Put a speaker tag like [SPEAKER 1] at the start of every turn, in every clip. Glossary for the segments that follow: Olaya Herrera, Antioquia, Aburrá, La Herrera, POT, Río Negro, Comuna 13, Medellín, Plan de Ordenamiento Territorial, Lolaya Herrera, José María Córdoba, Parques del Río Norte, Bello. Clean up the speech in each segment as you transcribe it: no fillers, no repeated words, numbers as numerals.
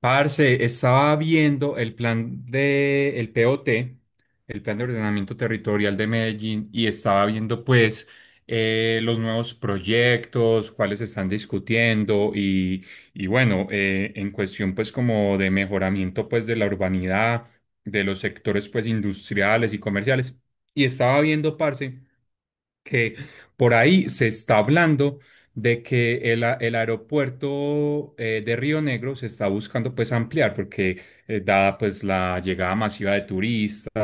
[SPEAKER 1] Parce, estaba viendo el plan de el POT, el Plan de Ordenamiento Territorial de Medellín, y estaba viendo pues los nuevos proyectos, cuáles se están discutiendo y bueno, en cuestión pues como de mejoramiento pues de la urbanidad, de los sectores pues industriales y comerciales. Y estaba viendo, parce que por ahí se está hablando de que el aeropuerto de Río Negro se está buscando pues ampliar porque dada pues la llegada masiva de turistas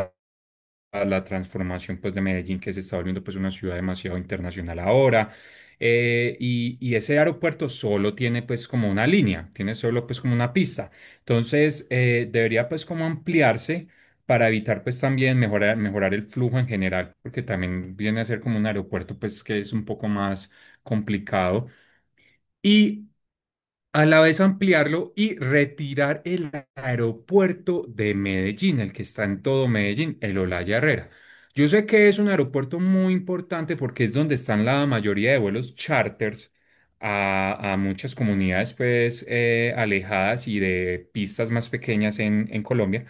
[SPEAKER 1] a la transformación pues de Medellín, que se está volviendo pues una ciudad demasiado internacional ahora. Y ese aeropuerto solo tiene pues como una línea, tiene solo pues como una pista. Entonces debería pues como ampliarse para evitar pues también mejorar el flujo en general, porque también viene a ser como un aeropuerto pues que es un poco más complicado. Y a la vez ampliarlo y retirar el aeropuerto de Medellín, el que está en todo Medellín, el Olaya Herrera. Yo sé que es un aeropuerto muy importante porque es donde están la mayoría de vuelos charters a muchas comunidades pues alejadas y de pistas más pequeñas en Colombia.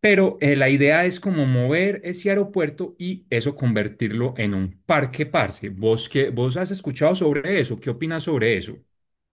[SPEAKER 1] Pero la idea es como mover ese aeropuerto y eso convertirlo en un parque parce. ¿Vos, qué- vos has escuchado sobre eso? ¿Qué opinas sobre eso?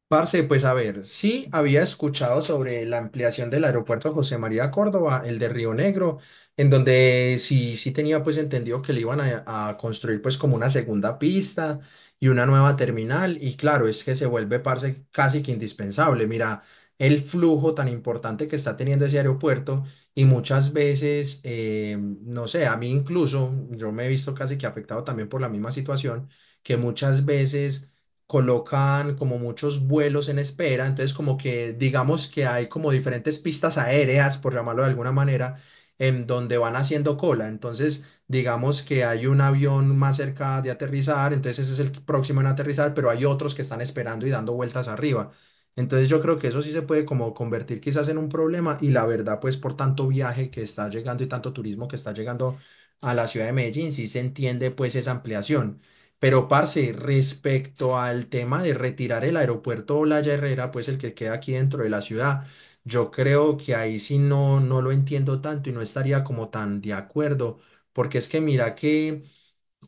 [SPEAKER 2] Parce, pues a ver, sí había escuchado sobre la ampliación del aeropuerto José María Córdoba, el de Río Negro, en donde sí tenía pues entendido que le iban a construir pues como una segunda pista y una nueva terminal y claro, es que se vuelve parce casi que indispensable. Mira, el flujo tan importante que está teniendo ese aeropuerto y muchas veces, no sé, a mí incluso, yo me he visto casi que afectado también por la misma situación, que muchas veces colocan como muchos vuelos en espera, entonces como que digamos que hay como diferentes pistas aéreas, por llamarlo de alguna manera, en donde van haciendo cola. Entonces digamos que hay un avión más cerca de aterrizar, entonces ese es el próximo en aterrizar, pero hay otros que están esperando y dando vueltas arriba. Entonces yo creo que eso sí se puede como convertir quizás en un problema y la verdad pues por tanto viaje que está llegando y tanto turismo que está llegando a la ciudad de Medellín, sí se entiende pues esa ampliación. Pero, parce, respecto al tema de retirar el aeropuerto Olaya Herrera, pues el que queda aquí dentro de la ciudad, yo creo que ahí sí no, no lo entiendo tanto y no estaría como tan de acuerdo, porque es que mira que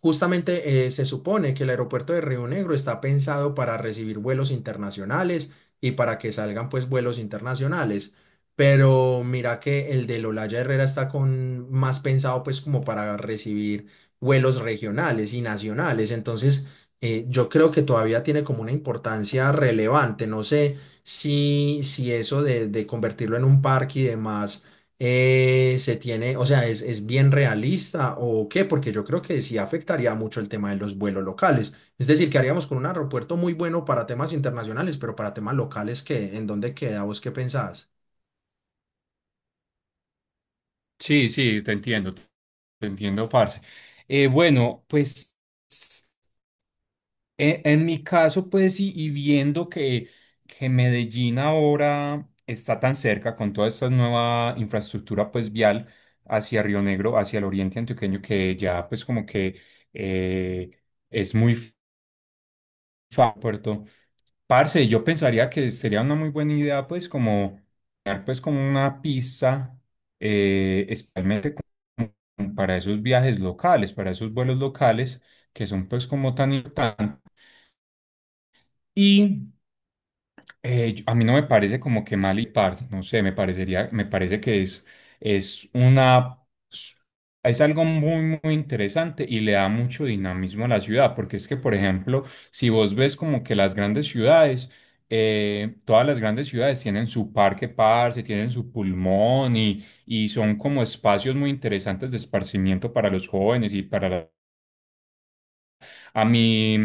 [SPEAKER 2] justamente se supone que el aeropuerto de Río Negro está pensado para recibir vuelos internacionales y para que salgan pues vuelos internacionales, pero mira que el de Lolaya Herrera está con más pensado pues como para recibir vuelos regionales y nacionales, entonces yo creo que todavía tiene como una importancia relevante, no sé si eso de convertirlo en un parque y demás se tiene, o sea, es bien realista o qué, porque yo creo que sí afectaría mucho el tema de los vuelos locales. Es decir, que haríamos con un aeropuerto muy bueno para temas internacionales, pero para temas locales, qué? ¿En dónde queda? ¿Vos qué pensás?
[SPEAKER 1] Sí, sí, te entiendo, te entiendo, parce. Bueno, pues mi caso, pues, y viendo que Medellín ahora está tan cerca con toda esta nueva infraestructura, pues, vial hacia Río Negro, hacia el oriente antioqueño, que ya, pues, como que eh, es muy fácil, puerto. Parce, yo pensaría que sería una muy buena idea, pues, como, crear, pues, como una pista, especialmente como para esos viajes locales, para esos vuelos locales, que son, pues, como tan importantes. A mí no me parece como que mal y parce, no sé, me parecería, me parece que es una, es algo muy, muy interesante y le da mucho dinamismo a la ciudad, porque es que, por ejemplo, si vos ves como que las grandes ciudades, todas las grandes ciudades tienen su parque parce, tienen su pulmón y son como espacios muy interesantes de esparcimiento para los jóvenes y para a mí,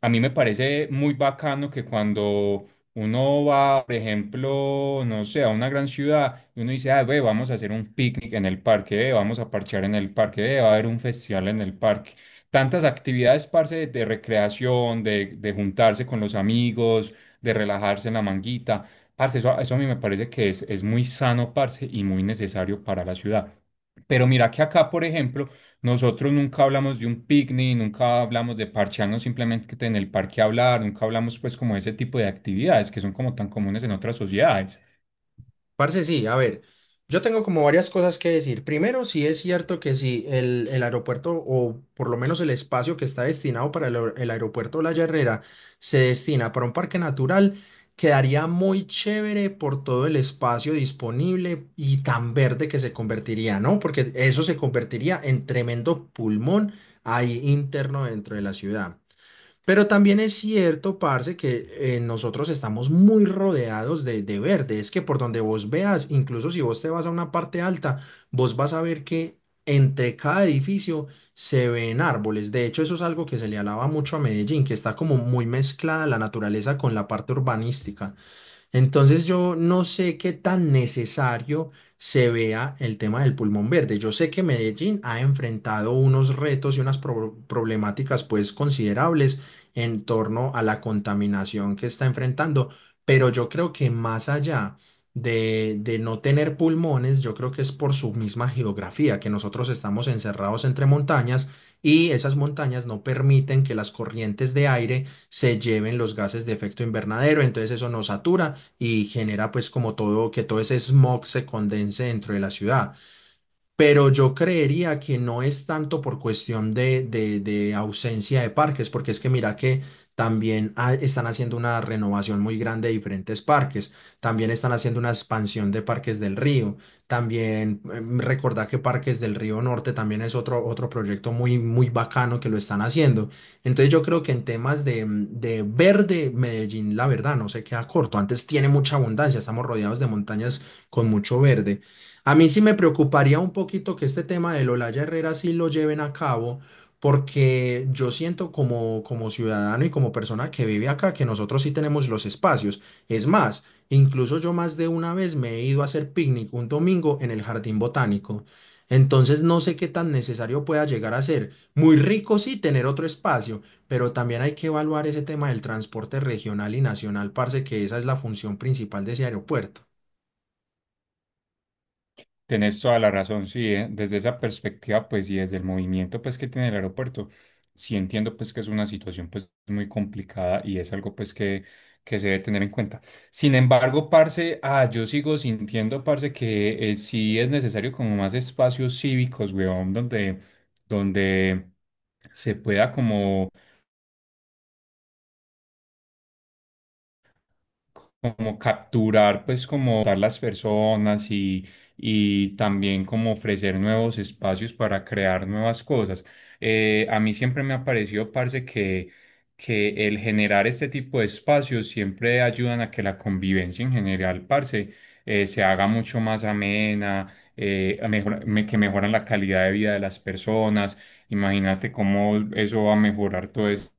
[SPEAKER 1] a mí me parece muy bacano que cuando uno va, por ejemplo, no sé, a una gran ciudad y uno dice, ah, ve, vamos a hacer un picnic en el parque, vamos a parchar en el parque, va a haber un festival en el parque. Tantas actividades, parce, de recreación, de juntarse con los amigos, de relajarse en la manguita. Parce, eso a mí me parece que es muy sano, parce, y muy necesario para la ciudad. Pero mira que acá, por ejemplo, nosotros nunca hablamos de un picnic, nunca hablamos de parchearnos simplemente en el parque a hablar, nunca hablamos pues como de ese tipo de actividades que son como tan comunes en otras sociedades.
[SPEAKER 2] Parce, sí, a ver, yo tengo como varias cosas que decir. Primero, sí es cierto que si el aeropuerto, o por lo menos el espacio que está destinado para el, el aeropuerto La Herrera, se destina para un parque natural, quedaría muy chévere por todo el espacio disponible y tan verde que se convertiría, ¿no? Porque eso se convertiría en tremendo pulmón ahí interno dentro de la ciudad. Pero también es cierto, parce, que nosotros estamos muy rodeados de verde. Es que por donde vos veas, incluso si vos te vas a una parte alta, vos vas a ver que entre cada edificio se ven árboles. De hecho, eso es algo que se le alaba mucho a Medellín, que está como muy mezclada la naturaleza con la parte urbanística. Entonces yo no sé qué tan necesario se vea el tema del pulmón verde. Yo sé que Medellín ha enfrentado unos retos y unas problemáticas pues considerables en torno a la contaminación que está enfrentando, pero yo creo que más allá de no tener pulmones, yo creo que es por su misma geografía, que nosotros estamos encerrados entre montañas y esas montañas no permiten que las corrientes de aire se lleven los gases de efecto invernadero, entonces eso nos satura y genera pues como todo, que todo ese smog se condense dentro de la ciudad. Pero yo creería que no es tanto por cuestión de, de ausencia de parques, porque es que mira que también están haciendo una renovación muy grande de diferentes parques, también están haciendo una expansión de Parques del Río, también recordá que Parques del Río Norte también es otro, otro proyecto muy, muy bacano que lo están haciendo. Entonces yo creo que en temas de, de verde, Medellín, la verdad, no se queda corto. Antes tiene mucha abundancia, estamos rodeados de montañas con mucho verde. A mí sí me preocuparía un poquito que este tema del Olaya Herrera sí lo lleven a cabo, porque yo siento como, como ciudadano y como persona que vive acá que nosotros sí tenemos los espacios. Es más, incluso yo más de una vez me he ido a hacer picnic un domingo en el jardín botánico. Entonces no sé qué tan necesario pueda llegar a ser. Muy rico sí tener otro espacio, pero también hay que evaluar ese tema del transporte regional y nacional, parce, que esa es la función principal de ese aeropuerto.
[SPEAKER 1] Tenés toda la razón, sí, desde esa perspectiva, pues, y desde el movimiento, pues, que tiene el aeropuerto, sí entiendo, pues, que es una situación, pues, muy complicada y es algo, pues, que se debe tener en cuenta. Sin embargo, parce, ah, yo sigo sintiendo, parce, que sí es necesario como más espacios cívicos, weón, donde se pueda como capturar, pues como dar las personas y también como ofrecer nuevos espacios para crear nuevas cosas. A mí siempre me ha parecido, parce, que el generar este tipo de espacios siempre ayudan a que la convivencia en general, parce, se haga mucho más amena. Que mejoran la calidad de vida de las personas. Imagínate cómo eso va a mejorar todo esto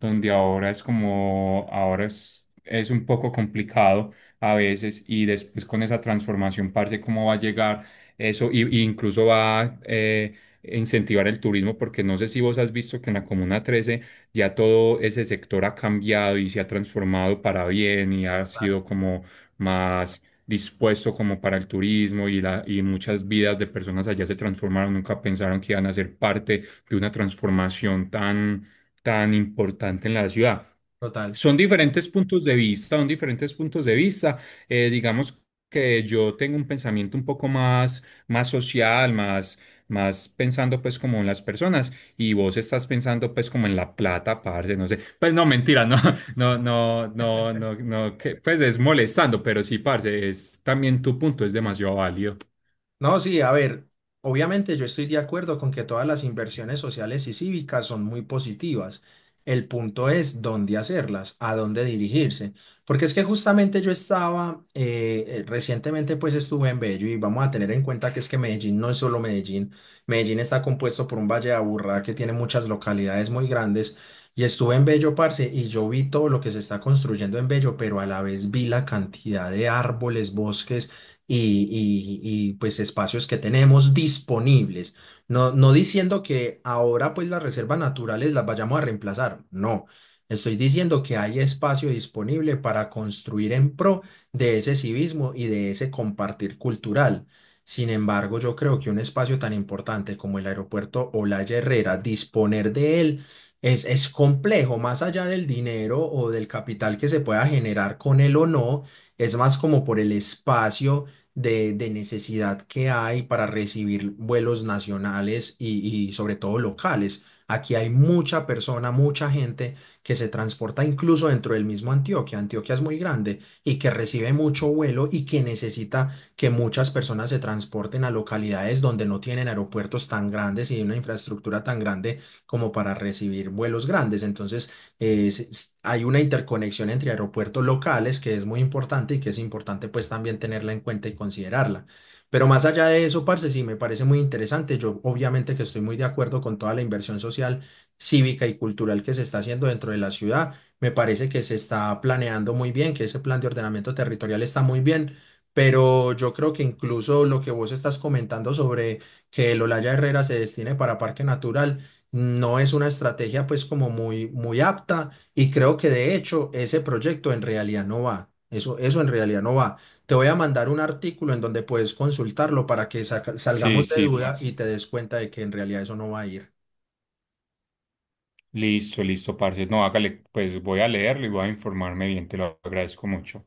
[SPEAKER 1] donde ahora es como, ahora es un poco complicado a veces y después con esa transformación, parce, cómo va a llegar eso y incluso va a incentivar el turismo, porque no sé si vos has visto que en la Comuna 13 ya todo ese sector ha cambiado y se ha transformado para bien y ha
[SPEAKER 2] Total.
[SPEAKER 1] sido como más dispuesto como para el turismo y muchas vidas de personas allá se transformaron, nunca pensaron que iban a ser parte de una transformación tan importante en la ciudad.
[SPEAKER 2] Total.
[SPEAKER 1] Son diferentes puntos de vista, son diferentes puntos de vista. Digamos que yo tengo un pensamiento un poco más, más social, más, más pensando pues como en las personas y vos estás pensando pues como en la plata, parce, no sé. Pues no, mentira, no, no, no, no, no, no, que, pues es molestando, pero sí, parce, es también tu punto, es demasiado válido.
[SPEAKER 2] No, sí, a ver, obviamente yo estoy de acuerdo con que todas las inversiones sociales y cívicas son muy positivas. El punto es dónde hacerlas, a dónde dirigirse. Porque es que justamente yo estaba, recientemente pues estuve en Bello y vamos a tener en cuenta que es que Medellín no es solo Medellín. Medellín está compuesto por un valle de Aburrá que tiene muchas localidades muy grandes. Y estuve en Bello, parce, y yo vi todo lo que se está construyendo en Bello, pero a la vez vi la cantidad de árboles, bosques y pues espacios que tenemos disponibles. No, no diciendo que ahora pues las reservas naturales las vayamos a reemplazar, no. Estoy diciendo que hay espacio disponible para construir en pro de ese civismo y de ese compartir cultural. Sin embargo, yo creo que un espacio tan importante como el aeropuerto Olaya Herrera, disponer de él es complejo, más allá del dinero o del capital que se pueda generar con él o no, es más como por el espacio de necesidad que hay para recibir vuelos nacionales y sobre todo locales. Aquí hay mucha persona, mucha gente que se transporta incluso dentro del mismo Antioquia. Antioquia es muy grande y que recibe mucho vuelo y que necesita que muchas personas se transporten a localidades donde no tienen aeropuertos tan grandes y una infraestructura tan grande como para recibir vuelos grandes. Entonces, es- hay una interconexión entre aeropuertos locales que es muy importante y que es importante pues también tenerla en cuenta y considerarla. Pero más allá de eso, parce, sí, me parece muy interesante. Yo obviamente que estoy muy de acuerdo con toda la inversión social, cívica y cultural que se está haciendo dentro de la ciudad. Me parece que se está planeando muy bien, que ese plan de ordenamiento territorial está muy bien. Pero yo creo que incluso lo que vos estás comentando sobre que el Olaya Herrera se destine para Parque Natural, no es una estrategia pues como muy, muy apta y creo que de hecho ese proyecto en realidad no va. Eso en realidad no va. Te voy a mandar un artículo en donde puedes consultarlo para que
[SPEAKER 1] Sí,
[SPEAKER 2] salgamos de
[SPEAKER 1] sí,
[SPEAKER 2] duda y
[SPEAKER 1] parce.
[SPEAKER 2] te des cuenta de que en realidad eso no va a ir.
[SPEAKER 1] Listo, listo, parce. No, hágale, pues voy a leerlo y voy a informarme bien, te lo agradezco mucho.